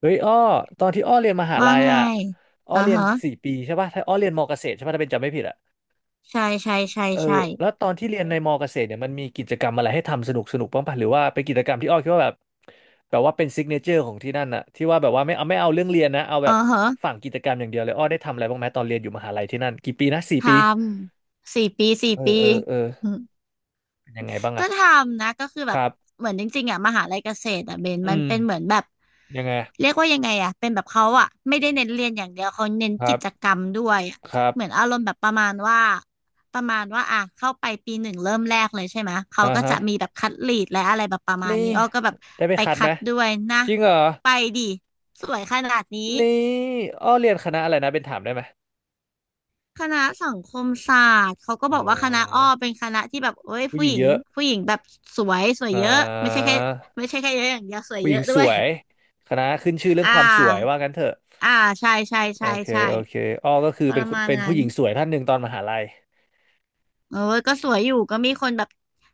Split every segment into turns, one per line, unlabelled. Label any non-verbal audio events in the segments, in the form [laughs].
เฮ้ยอ้อตอนที่อ้อเรียนมหา
ว่า
ลัย
ไง
อ่ะอ้อ
อ่า
เรียน
ฮะ
สี่ปีใช่ป่ะถ้าอ้อเรียนมอเกษตรใช่ป่ะถ้าเป็นจำไม่ผิดอ่ะ
ใช่ใช่ใช่
เออ
ใช่
แล้วตอนที่เรียนในมอเกษตรเนี่ยมันมีกิจกรรมอะไรให้ทำสนุกสนุกบ้างป่ะหรือว่าเป็นกิจกรรมที่อ้อคิดว่าแบบแบบว่าเป็นซิกเนเจอร์ของที่นั่นน่ะที่ว่าแบบว่าไม่เอาไม่เอาเรื่องเรียนนะเอาแบ
อ่า
บ
ฮะ
ฝั่งกิจกรรมอย่างเดียวเลยอ้อได้ทำอะไรบ้างไหมตอนเรียนอยู่มหาลัยที่นั่นกี่ปีนะสี่
ท
ปี
ำสี่ปีสี่
เออ
ปี
เออเออ
อืม
เป็นยังไงบ้าง
ก็
อ่ะ
ทำนะก็คือ
ค
แบบ
รับ
เหมือนจริงๆอ่ะมหาลัยเกษตรอ่ะเบน
อื
มัน
ม
เป็นเหมือนแบบ
ยังไง
เรียกว่ายังไงอ่ะเป็นแบบเขาอ่ะไม่ได้เน้นเรียนอย่างเดียวเขาเน้น
ครั
กิจ
บ
กรรมด้วยอะ
ครับ
เหมือนอารมณ์แบบประมาณว่าอ่ะเข้าไปปีหนึ่งเริ่มแรกเลยใช่ไหมเขา
อ่า
ก็
ฮะ
จะมีแบบคัดลีดและอะไรแบบประมาณ
นี่
นี้อ้อก็แบบ
ได้ไป
ไป
คัดไห
คั
ม
ดด้วยนะ
จริงเหรอ
ไปดิสวยขนาดนี้
นี่อ้อเรียนคณะอะไรนะเป็นถามได้ไหม
คณะสังคมศาสตร์เขาก็
อ๋
บอกว่าคณะอ้อ
อ
เป็นคณะที่แบบเอ้ย
ผู้ห
ผู้
ญิ
ห
ง
ญิง
เยอะ
ผู้หญิงแบบสวยสวย
อ่
เยอะไม่ใช่
า
แค่เยอะอย่างเดียวสวย
ผู้ห
เย
ญิ
อะ
ง
ด้
ส
วย
วยคณะขึ้นชื่อ
[laughs]
เรื่อง
อ่า
ความสวยว่างั้นเถอะ
อ่าใช่ใช่
โอ
ใช่
เค
ใช่
โอเคอ้อก็คือ
ป
เป็น
ระ
คน
มาณ
เป็นผู้
นั้น
หญิงสวยท่านหนึ่งตอนมหาลัย
เอ้ยก็สวยอยู่ก็มีคนแบบ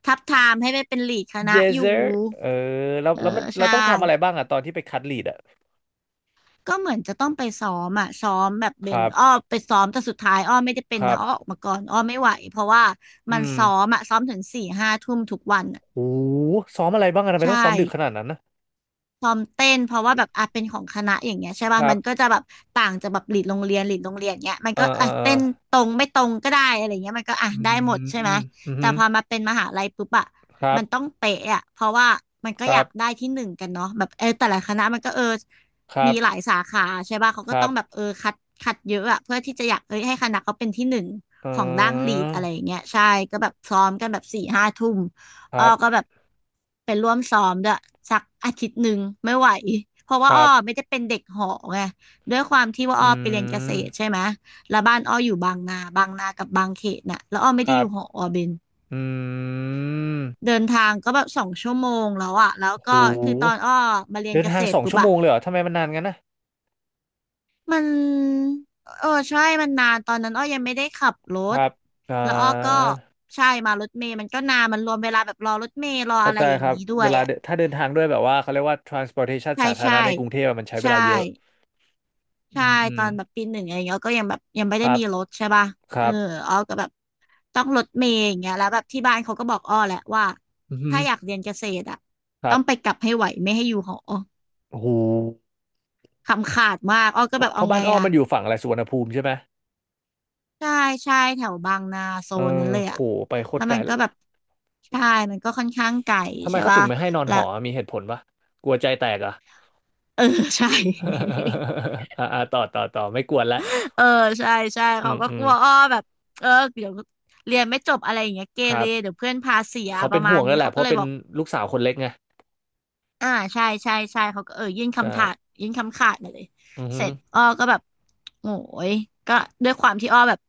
ทับทามให้ไปเป็นลีดคณะ
Yes
อยู่
sir เออแล้ว
เออ
แล้วมันเรา
ใช่
ต้องทำอะไรบ้างอะตอนที่ไปคัดลีดอะ
ก็เหมือนจะต้องไปซ้อมอ่ะซ้อมแบบ
ค
เป็น
รับ
อ้อไปซ้อมแต่สุดท้ายอ้อไม่ได้เป็
ค
น
รั
นะ
บ
อ้อออกมาก่อนอ้อไม่ไหวเพราะว่า
อื
มันซ้อ
ม
มอ่ะซ้อมถึงสี่ห้าทุ่มทุกวัน
โอ้ซ้อมอะไรบ้างอะทำไม
ใช่
ต้องซ้อมดึกขนาดนั้นนะ
ซ้อมเต้น เพราะว่าแบบอ่ะเป็นของคณะอย่างเงี้ยใช่
ค
ป่ะ
รั
มันก็จะ
บ
แบบต่างจากแบบหลีดโรงเรียนหลีดโรงเรียนเงี้ยมัน
เออ
ก็
เอ
อ่ะ
อเออ
เต้นตรงไม่ตรงก็ได้อะไรเงี้ยมันก็อ่ะ
อื
ได้หมดใช่ไหม
มอืม
แต่พอมาเป็นมหาลัยปุ๊บอ่ะ
ครับ
มันต้องเป๊ะอ่ะเพราะว่ามันก็
ค
อ
รั
ยา
บ
กได้ที่หนึ่งกันเนาะแบบเออแต่ละคณะมันก็เออ
ครับ
มีหลายสาขาใช่ป่ะเขา
ค
ก็
รั
ต้อ
บ
งแบบเออคัดเยอะอ่ะเพื่อที่จะอยากเอ้ยให้คณะเขาเป็นที่หนึ่ง
เออ
ของด้านหลีดอะไรอย่างเงี้ยใช่ก็แบบซ้อมกันแบบสี่ห้าทุ่ม
ค
อ้อ
รั
ก็
บ
แบบไปร่วมซ้อมด้วยสักอาทิตย์หนึ่งไม่ไหวเพราะ
ค
ว่าอ้
รั
อไม่
บ
ได้เป็นเด็กหอไงด้วยความที่ว่า
อื
อ้อไปเรียนเกษตรใช่
ม
ไหมแล้วบ้านอ้ออยู่บางนากับบางเขตน่ะแล้วอ้อไม่
ค
ได้
รั
อ
บ
ยู่หออ้อเบน
อืม
เดินทางก็แบบ2 ชั่วโมงแล้วอะแล้ว
โ
ก็คือตอน
ห
อ้อมาเรียน
เดิน
เก
ทา
ษ
ง
ต
ส
ร
อง
ปุ๊บ
ชั่วโม
อะ
งเลยเหรอทำไมมันนานงั้นนะ
มันเออใช่มันนานตอนนั้นอ้อยังไม่ได้ขับร
ค
ถ
รับอ่
แล้วอ้อก็
า
ใช่มารถเมล์มันก็นานมันรวมเวลาแบบรอรถเมล์รอ
เข้า
อะไร
ใจ
อย่า
ค
ง
รับ
นี้ด้ว
เว
ย
ลา
อะ
เดินถ้าเดินทางด้วยแบบว่าเขาเรียกว่า transportation
ใช่
สาธาร
ใช่
ณะในกรุงเทพอะมันใช้เว
ใช่
ลาเยอะอื
ใช่
มอื
ต
ม
อนแบบปีหนึ่งอะไรเองี้ยก็ยังแบบยังไม่
ค
ได้
รับ
มีรถใช่ป่ะ
ค
เอ
รั
อ
บ
อ้อก็แบบต้องรถเมย์อย่างเงี้ยแล้วแบบที่บ้านเขาก็บอกอ้อแหละว่า
อือหื
ถ้า
อ
อยากเรียนเกษตรอ่ะ
ครั
ต้องไปก
บ
ลับให้ไหวไม่ให้อยู่หอ
โห
คำขาดมากอ้อก็
เพ
แบ
ราะ
บ
เพ
เอา
ราะบ้า
ไง
นอ้อ
อ่ะ
มันอยู่ฝั่งอะไรสุวรรณภูมิใช่ไหม
ใช่ใช่แถวบางนาโซ
เอ
นนั้น
อ
เลย
โห
อะ
ไปโค
แล้
ตร
ว
ไกล
มันก็แบบใช่มันก็ค่อนข้างไกล
ทำไม
ใช่
เขาถึ
ป่ะ
งไม่ให้นอน
แล้
ห
ว
อมีเหตุผลปะกลัวใจแตกเหรอ่ะ
เออใช่ [laughs]
[laughs] อ่าอ่าต่อต่อต่อไม่กวนละ
เออใช่ใช่
อื
เขา
ม
ก็
อื
ก
ม
ลัวอ้อแบบเออเดี๋ยวเรียนไม่จบอะไรอย่างเงี้ยเก
ครั
เร
บ
เดี๋ยวเพื่อนพาเสีย
เขา
ป
เป็น
ระมา
ห่ว
ณ
งแล้
นี้
วแหละ
เขา
เพ
ก็
ราะ
เลย
เป็น
บอก
ลูกสาวคนเล็กไง
อ่าใช่ใช่ใช่เขาก็เออ
ใช่
ยื่นคำขาดมาเลย
อือ
เส
ฮึ
ร็จอ้อก็แบบโอ้ยก็ด้วยความที่อ้อแบบ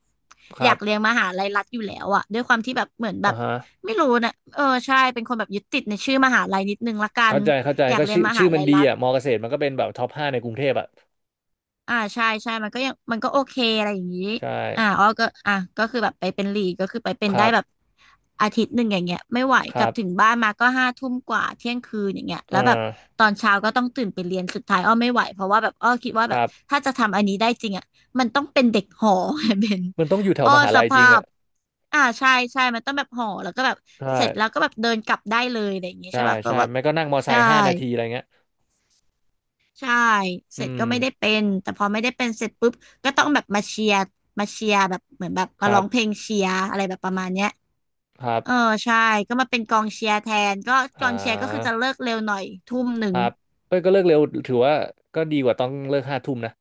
ค
อ
รั
ยา
บ
กเรียนมหาลัยรัฐอยู่แล้วอะด้วยความที่แบบเหมือนแบ
อ่า
บ
ฮะ
ไม่รู้นะเออใช่เป็นคนแบบยึดติดในชื่อมหาลัยนิดนึงละกัน
เข้าใจเข้าใจ
อยาก
ก็
เรียน
ชื่อ
มหา
ชื่อมัน
ลัย
ดี
รัฐ
อ่ะมอเกษตรมันก็เป็นแบบท็อปห้าในกรุงเทพอ่ะ
อ่าใช่ใช่มันก็ยังมันก็โอเคอะไรอย่างนี้
ใช่
อ่าอ้อก็อ่ะก็คือแบบไปเป็นลีดก็คือไปเป็น
ค
ได้
รับ
แบบอาทิตย์หนึ่งอย่างเงี้ยไม่ไหว
ค
กลั
รั
บ
บ
ถึงบ้านมาก็ห้าทุ่มกว่าเที่ยงคืนอย่างเงี้ย
อ่
แล้วแบบ
า
ตอนเช้าก็ต้องตื่นไปเรียนสุดท้ายอ้อไม่ไหวเพราะว่าแบบอ้อคิดว่า
ค
แบบ
รับ
ถ้าจะทำอันนี้ได้จริงอ่ะมันต้องเป็นเด็กหอ [laughs] เป็น
มันต้องอยู่แถว
อ้อ
มหา
ส
ลัยจ
ภา
ริง
พ
อ่ะ
อ่าใช่ใช่มันต้องแบบหอแล้วก็แบบ
ใช่
เสร็จแล้วก็แบบเดินกลับได้เลยอะไรอย่างเงี้ย
ใช่
ใช่ป่ะก็
ใช่
แบบ
ไม่ก็นั่งมอไซ
ใช่
ค์ห้านาทีอะไรเงี้ย
ใช่เส
อื
ร็จ
ม
ก็ไม่ได้เป็นแต่พอไม่ได้เป็นเสร็จปุ๊บก็ต้องแบบมาเชียร์แบบเหมือนแบบ
ค
มา
รั
ร้อ
บ
งเพลงเชียร์อะไรแบบประมาณเนี้ย
ครับ
เออใช่ก็มาเป็นกองเชียร์แทนก็ก
อ่
องเชียร์ก็คือจะ
า
เลิกเร็วหน่อยทุ่มหนึ่
ค
ง
รับเอ้ยก็เลิกเร็วถือว่าก็ดีกว่าต้องเลิกห้าทุ่มนะ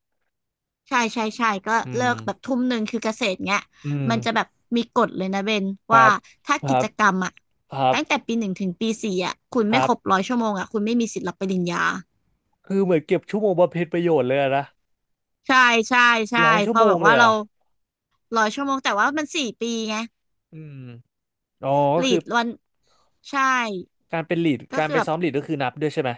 ใช่ใช่ใช่ก็
อื
เลิ
ม
กแบบทุ่มหนึ่งคือเกษตรเงี้ย
อืม
มันจะแบบมีกฎเลยนะเบน
ครั
ว่า
บ
ถ้า
ครั
กิ
บ
จกรรมอะ
ครั
ตั้งแต่
บ
ปีหนึ่งถึงปีสี่อะคุณ
ค
ไม่
รั
ค
บ
รบร้อยชั่วโมงอะคุณไม่มีสิทธิ์รับปริญญา
คือเหมือนเก็บชั่วโมงบำเพ็ญประโยชน์เลยอะนะ
ใช่ใช่ใช่
ร้อยชั่
พ
ว
อ
โม
แบ
ง
บ
เล
ว่า
ยเหร
เรา
อะ
ร้อยชั่วโมงแต่ว่ามันสี่ปีไง
อืมอ๋อก็
ลี
คือ
ดวันใช่
การเป็นลีด
ก็
การ
คือ
ไป
แบบ
ซ้อมลีดก็คือนับด้วยใช่ไหม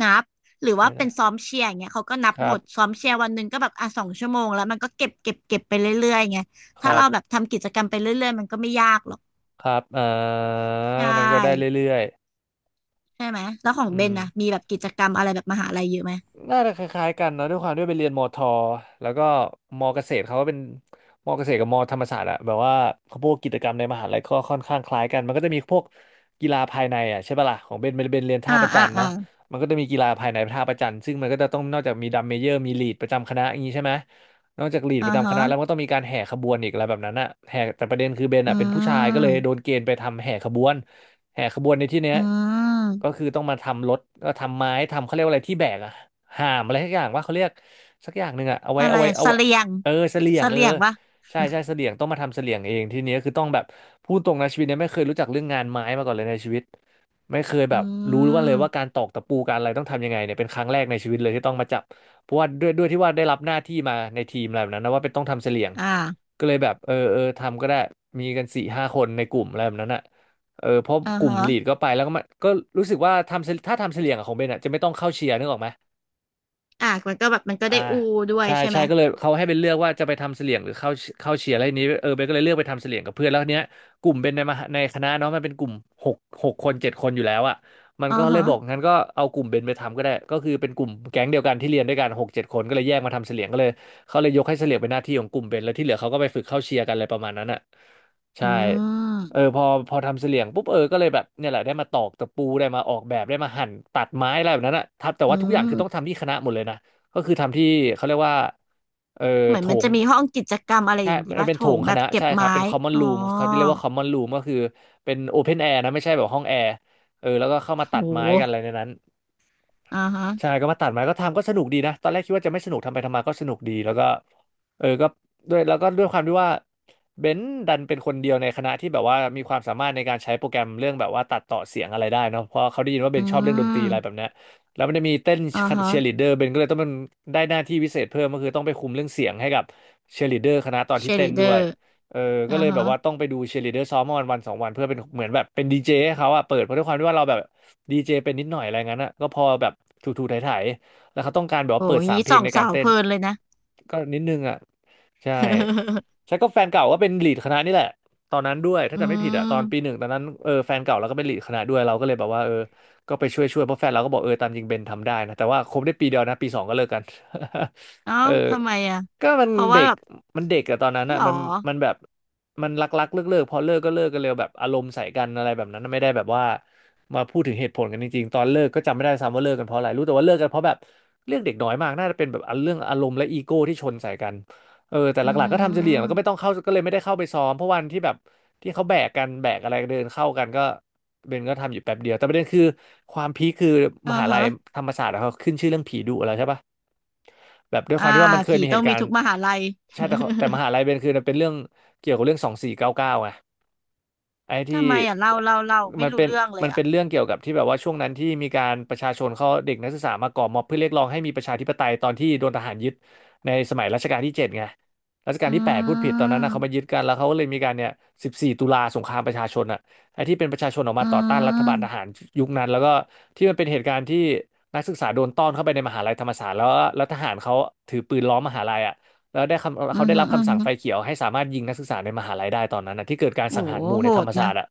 นับหรือว่า
ไม่
เป็
นะ
นซ้อมเชียร์อย่างเงี้ยเขาก็นับ
ค
ห
รั
ม
บ
ดซ้อมเชียร์วันหนึ่งก็แบบอ่ะสองชั่วโมงแล้วมันก็เก็บไปเรื่อยๆไง
ค
ถ้า
รับ
เราแบบทำกิจกรรมไปเรื่อยๆมันก็ไม่ยากหรอก
ครับอ่า
ใช
มันก็ได้
่
เรื่อย
ใช่ไหมแล้วของ
ๆอื
เบน
ม
นะมีแบบกิจกรรมอะไรแบบมหาลัยเยอะไหม
น่าจะคล้ายๆกันเนอะด้วยความด้วยไปเรียนมอทอแล้วก็มอเกษตรเขาก็เป็นมอเกษตรกับมอธรรมศาสตร์อะแบบว่าเขาพวกกิจกรรมในมหาลัยก็ค่อนข้างคล้ายกันมันก็จะมีพวกกีฬาภายในอะใช่ปะล่ะของเบนเรียนท่า
อ่า
ประจั
อ่า
น
อ่า
เนาะมันก็จะมีกีฬาภายในท่าประจันซึ่งมันก็จะต้องนอกจากมีดัมเมเยอร์มีลีดประจำคณะอย่างนี้ใช่ไหม นอกจากลีดป
อ่า
ระจำค
ฮะ
ณะแล้วมันก็ต้องมีการแห่ขบวนอีกอะไรแบบนั้นอะแห่แต่ประเด็นคือเบน
อื
อะเป็นผู้ชายก็เลยโดน
ม
เกณฑ์ไปทำแห่ขบวนแห่ขบวนในที่เนี้ย
อื
ก็
ม
คือต้องมาทำรถก็ทำไม้ทำเขาเรียกว่าอะไรที่แบกอะหามอะไรสักอย่างว่าเขาเรียกสักอย่างหนึ่งอะเอาไว้
อะไร
เอาไว้
อะ
เอา
เส
ไว้
ลียง
เออเสลี่ย
เส
งเออ
ลียงปะ
ใช่ใช่เสลี่ยงต้องมาทำเสลี่ยงเองทีนี้คือต้องแบบพูดตรงนะชีวิตเนี้ยไม่เคยรู้จักเรื่องงานไม้มาก่อนเลยในชีวิตไม่เคยแบ
อื
บรู้ว่าเลยว่า
ม
การตอกตะปูการอะไรต้องทำยังไงเนี่ยเป็นครั้งแรกในชีวิตเลยที่ต้องมาจับ เพราะว่าด้วยที่ว่าได้รับหน้าที่มาในทีมอะไรแบบนั้นนะว่าเป็นต้องทำเสลี่ยง
อ่า
ก็เลยแบบเออเออทำก็ได้มีกันสี่ห้าคนในกลุ่มอะไรแบบนั้นอ่ะเออเพราะ
อ่า
กลุ่ม
ฮะ
ลีดก็ไปแล้วก็มาก็รู้สึกว่าทำเสถ้าทำเสลี่ยงอะของเบนอ่ะจะไม่ต้องเข้าเชียร์นึกออกไหม
อ่ามันก็แบบมันก็
อ่า
ได้อูด้วย
ใช่
ใช่ไห
ใช่
ม
ก็เลยเขาให้เป็นเลือกว่าจะไปทำเสลี่ยงหรือเข้าเชียร์อะไรนี้เออเบนก็เลยเลือกไปทำเสลี่ยงกับเพื่อนแล้วเนี้ยกลุ่มเป็นในมหาในคณะเนาะมันเป็นกลุ่มหกหกคนเจ็ดคนอยู่แล้วอ่ะมัน
อ่า
ก็เลย
ฮะ
บอกงั้นก็เอากลุ่มเบนไปทำก็ได้ก็คือเป็นกลุ่มแก๊งเดียวกันที่เรียนด้วยกัน6-7 คนก็เลยแยกมาทำเสลี่ยงก็เลยเขาเลยยกให้เสลี่ยงเป็นหน้าที่ของกลุ่มเบนแล้วที่เหลือเขาก็ไปฝึกเข้าเชียร์กันอะไรประมาณนั้นอ่ะ
อื
ใช่เออ
ม
พอทำเสลี่ยงปุ๊บเออก็เลยแบบเนี่ยแหละได้มาตอกตะปูได้มาออกแบบได้มาหั่นตัดไม้อะไรแบบนั้นอะทับแต่
อื
ว่าทุกอย่างคือต้อง
ม
ทำที่คณะหมดเลยนะ ก็คือทำที่เขาเรียกว่าเออ
เหมือ
โถ
นมัน
ง
จะมีห้องกิจกรรมอะไร
ใช่
อย่างงี้
มัน
ป่ะ
เป็น
โถ
โถ
ง
งค
แบบ
ณะ
เก็บ
ใช่ครั
ไม้
บเป็น common
อ๋อ
room เขาจะเรียกว่า common room ก็คือเป็น open air นะไม่ใช่แบบห้องแอร์เออแล้วก็เข้ามา
โ
ตัดไม้กัน
ห
อะไรในนั้น
อ่าฮะ
ใช่ก็มาตัดไม้ก็ทำก็สนุกดีนะ ตอนแรกคิดว่าจะไม่สนุกทำไปทำมาก็สนุกดี แล้วก็เออก็ด้วยแล้วก็ด้วยความที่ว่าเบนซ์ดันเป็นคนเดียวในคณะที่แบบว่ามีความสามารถในการใช้โปรแกรมเรื่องแบบว่าตัดต่อเสียงอะไรได้เนาะเพราะเขาได้ยินว่าเบ
อื
นซ์ชอบเรื่องดนตรีอะไรแบ
ม
บเนี้ยแล้วมันจะมีเต้น
อ่าฮะ
เชียร์ลีดเดอร์เบนซ์ก็เลยต้องเป็นได้หน้าที่พิเศษเพิ่มก็คือต้องไปคุมเรื่องเสียงให้กับเชียร์ลีดเดอร์คณะตอน
เช
ที่เต้
ลิ
น
เด
ด้ว
อ
ย
ร์
เออก็
อ่า
เลยแบ
ฮะ
บว่าต้องไปดูเชียร์ลีดเดอร์ซ้อมมาวันสองวันเพื่อเป็นเหมือนแบบเป็นดีเจให้เขาอะเปิดเพราะด้วยความที่ว่าเราแบบ ดีเจเป็นนิดหน่อยอะไรงั้นอ่ะก็พอแบบถูๆไถายๆแล้วเขาต้องการแบบ
โห
ว่า
อ้
เปิด
ยาง
สาม
งี้
เพ
ส
ลง
อง
ในกา
สา
ร
ว
เต้
เพ
น
ลินเลยนะ
ก็นิดนึงอ่ะใช่
[laughs]
ใช่ก็แฟนเก่าก็เป็นลีดคณะนี่แหละตอนนั้นด้วยถ้า
อื
จำไม่ผิดอ่ะตอนปีห
ม
นึ่งตอนนั้นเออแฟนเก่าเราก็เป็นลีดคณะด้วยเราก็เลยแบบว่าเออก็ไปช่วยเพราะแฟนเราก็บอกเออตามจริงเบนทำได้นะแต่ว่าคบได้ปีเดียวนะปีสองก็เลิกกัน
เอ้า
[laughs] เออ
ทำไมอ่ะ
ก็มัน
เพราะ
เด็
ว่า
ก
แบบ
มันเด็กอะตอนนั้น
ห
อะ
รอ
มันแบบมันรักรักเลิกเลิกๆพอเลิกก็เลิกกันเร็วแบบอารมณ์ใส่กันอะไรแบบนั้นไม่ได้แบบว่ามาพูดถึงเหตุผลกันจริงๆตอนเลิกก็จำไม่ได้ซ้ำว่าเลิกกันเพราะอะไรรู้แต่ว่าเลิกกันเพราะแบบเรื่องเด็กน้อยมากน่าจะเป็นแบบเรื่องอารมณ์และอีโก้ที่ชนใส่กันเออแต่
อื
หลักๆก็ทำเฉลี่ยงแล้วก็ไม่
ม
ต้องเข้าก็เลยไม่ได้เข้าไปซ้อมเพราะวันที่แบบที่เขาแบกกันแบกอะไรเดินเข้ากันก็เบนก็ทำอยู่แป๊บเดียวแต่ประเด็นคือความพีคคือม
อ่า
หาลั
ฮะ
ยธรรมศาสตร์อะเขาขึ้นชื่อเรื่องผีดุอะไรใช่ปะ แบบด้วยค
อ่า
วามที่ว่ามันเคย
ผี
มีเห
ต้อง
ตุกา
มี
ร
ทุ
ณ์
กมหาลัย
ใช่แต่ขาแต่มหาลัยเบนคือมันเป็นเรื่องเกี่ยวกับเรื่อง2499ไงไอ้
[laughs] ทำ
ที่
ไมอ่ะเล่าไม่
มัน
รู้
เป็น
เรื่องเล
มั
ย
น
อ่ะ
เป็นเรื่องเกี่ยวกับที่แบบว่าช่วงนั้นที่มีการประชาชนเขาเด็กนักศึกษามาก่อม็อบเพื่อเรียกร้องให้มีประชาธิปไตยตอนที่โดนทหารยึดในสมัยรัชกาลที่ 7ไงรัชกาล
อื
ที่แปดพูดผิดตอนนั้นนะเขามายึ
ม
ดกันแล้วเขาก็เลยมีการเนี่ย14 ตุลาสงครามประชาชนอ่ะ ไอ้ที่เป็นประชาชนออก
อื
มาต่อต้านรัฐบาลท
ม
หารยุคนั้นแล้วก็ที่มันเป็นเหตุการณ์ที่นักศึกษาโดนต้อนเข้าไปในมหาลัยธรรมศาสตร์แล้วทหารเขาถือปืนล้อมมหาลัยอ่ะแล้วได้คำ
อื
เขา
ม
ได้รับ
อหื
คำสั่ง
ม
ไฟเขียวให้สามารถยิงนักศึกษาในมหาลัยได้ตอนนั้นนะที่เกิดการ
โอ้
สังหา
โห
รหมู่
โห
ในธรร
ด
มศา
นะ
สตร์อ่ะ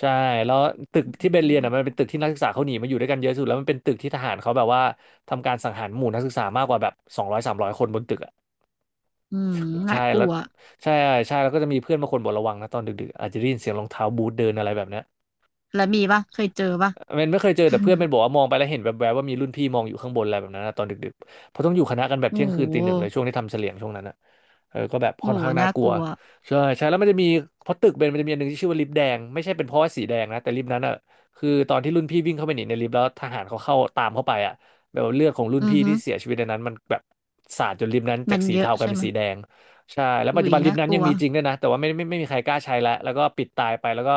ใช่แล้วตึก
อื
ที่เบนเรียนอ่ะมัน
ม
เป็นตึกที่นักศึกษาเขาหนีมาอยู่ด้วยกันเยอะสุดแล้วมันเป็นตึกที่ทหารเขาแบบว่าทำการสังหารหมู่นักศึกษามากกว่าแบบ200-300 คนบนตึกอ่ะ
อืมน่า
ใช่
ก
แล้
ลั
ว
ว
ใช่ใช่แล้วก็จะมีเพื่อนบางคนบอกระวังนะตอนดึกๆอาจจะได้ยินเสียงรองเท้าบูทเดินอะไรแบบเนี้ย
แล้วมีปะเคยเจอปะ
เมนไม่เคยเจอแต่เพื่อน
[laughs]
เป็นบอกว่ามองไปแล้วเห็นแวบๆว่ามีรุ่นพี่มองอยู่ข้างบนอะไรแบบนั้นนะตอนดึกๆเพราะต้องอยู่คณะกันแบบ
โอ้
เที่ยงคืนตี
โห
หนึ่งเลยช่วงที่ทำเฉลี่ยงช่วงนั้นนะเออก็แบบ
โอ้
ค่อน
โห
ข้างน่า
น่า
กลั
ก
ว
ลัว
ใช่ใช่แล้วมันจะมีเพราะตึกเบนมันจะมีอันหนึ่งที่ชื่อว่าลิฟต์แดงไม่ใช่เป็นเพราะว่าสีแดงนะแต่ลิฟต์นั้นอ่ะคือตอนที่รุ่นพี่วิ่งเข้าไปหนีในลิฟต์แล้วทหารเขาเข้าตามเข้าไปอ่ะแบบว่าเลือดของรุ่น
อือ
พี่
ฮึ
ที่เสียชีวิตในนั้นมันแบบสาดจนลิฟต์นั้นจา
มั
ก
น
สี
เยอะ
เทากลาย
ใช่
เป็
ไห
น
มย
สีแดง ใช่แล้วปัจ
อุ้
จุ
ย
บันลิฟ
น่า
ต์นั้
ก
นยั
ลั
ง
ว
มีจริงด้วยนะแต่ว่าไม่มีใครกล้าใช้แล้วแล้วก็ปิดตายไปแล้วก็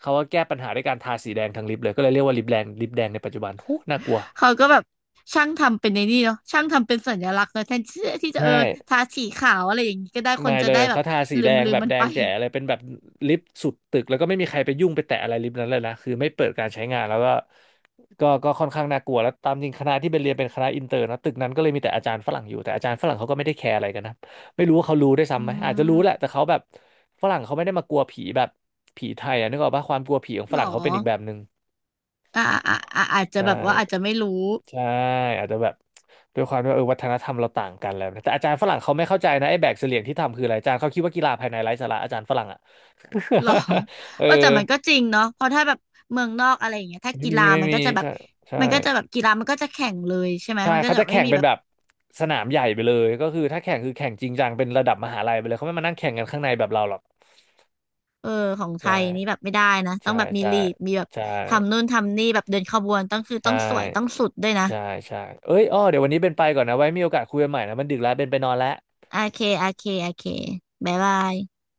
เขาก็แก้ปัญหาด้วยการทาสีแดงทั้งลิฟต์เลยก็เลยเรียกว่าลิฟต์แดงลิฟต์แดงในปัจจุบันหูน่ากลัว
เขาก็แบบช่างทำเป็นในนี่เนาะช่างทำเป็นสัญลักษณ์เนาะแทนที่ที่จะ
ใช่
เออทาสีขาวอะไรอย่างนี้ก็ได้ค
ไม่
นจะ
เลย
ได้แบ
เขา
บ
ทาสี
ลื
แด
ม
ง
ลื
แบ
ม
บ
มัน
แด
ไป
งแจ๋เลยเป็นแบบลิฟต์สุดตึกแล้วก็ไม่มีใครไปยุ่งไปแตะอะไรลิฟต์นั้นเลยนะคือไม่เปิดการใช้งานแล้วก็ ก็ค่อนข้างน่ากลัวแล้วตามจริงคณะที่เป็นเรียนเป็นคณะอินเตอร์นะตึกนั้นก็เลยมีแต่อาจารย์ฝรั่งอยู่แต่อาจารย์ฝรั่งเขาก็ไม่ได้แคร์อะไรกันนะไม่รู้ว่าเขารู้ได้วย
อื
ซ้ำไหมอาจจะรู้แหละ
ม
แต่เขาแบบฝรั่งเขาไม่ได้มากลัวผีแบบผีไทยอะนึกออกปะความกลัวผีของ
ห
ฝ
รอ
รั่งเขาเป็นอีกแบบหนึ่ง
อ่าอ่าอ่าอาจจะ
ใช่
แบบว่าอาจจะไม่รู้
ใช่อาจจะแบบด้วยความที่ว่าเออวัฒนธรรมเราต่างกันแล้วนะแต่อาจารย์ฝรั่งเขาไม่เข้าใจนะไอ้แบกเสลี่ยงที่ทำคืออะไรอาจารย์เขาคิดว่ากีฬาภายในไร้สาระอาจารย์ฝรั่งอ่ะ
หรอ [laughs]
[laughs] เออ
เออแต่มันก็จริงเนาะเพราะถ้าแบบเมืองนอกอะไรอย่างเงี้ยถ้า
ไม่
กี
มี
ฬา
ไม่
มัน
มี
ก็จะแบบ
ใช่ใช่
มันก็จะแบบกีฬามันก็จะแข่งเลยใช่ไหม
ใช่
มันก็
เขา
จะแบ
จะ
บไม่
แข่ง
มี
เป็น
แบบ
แบบสนามใหญ่ไปเลยก็คือถ้าแข่งคือแข่งจริงจังเป็นระดับมหาลัยไปเลยเขาไม่มานั่งแข่งกันข้างในแบบเราหรอก
เออของไท
ใช่
ยนี่แบบไม่ได้นะต้อ
ใช่
งแบบมี
ใช่
ลีดมีแบบ
ใช่
ทำนู่นทำนี่แบบเดินขบวนต้องคือ
ใช่
ต้องสวยต้องสุดด้วยนะ
ใช่ใช่เอ้ยอ้อเดี๋ยววันนี้เป็นไปก่อนนะไว้มีโอกาสคุยกันใหม่นะมันดึกแล้วเป็นไปนอนแล้ว
โอเคโอเคโอเคบ๊ายบาย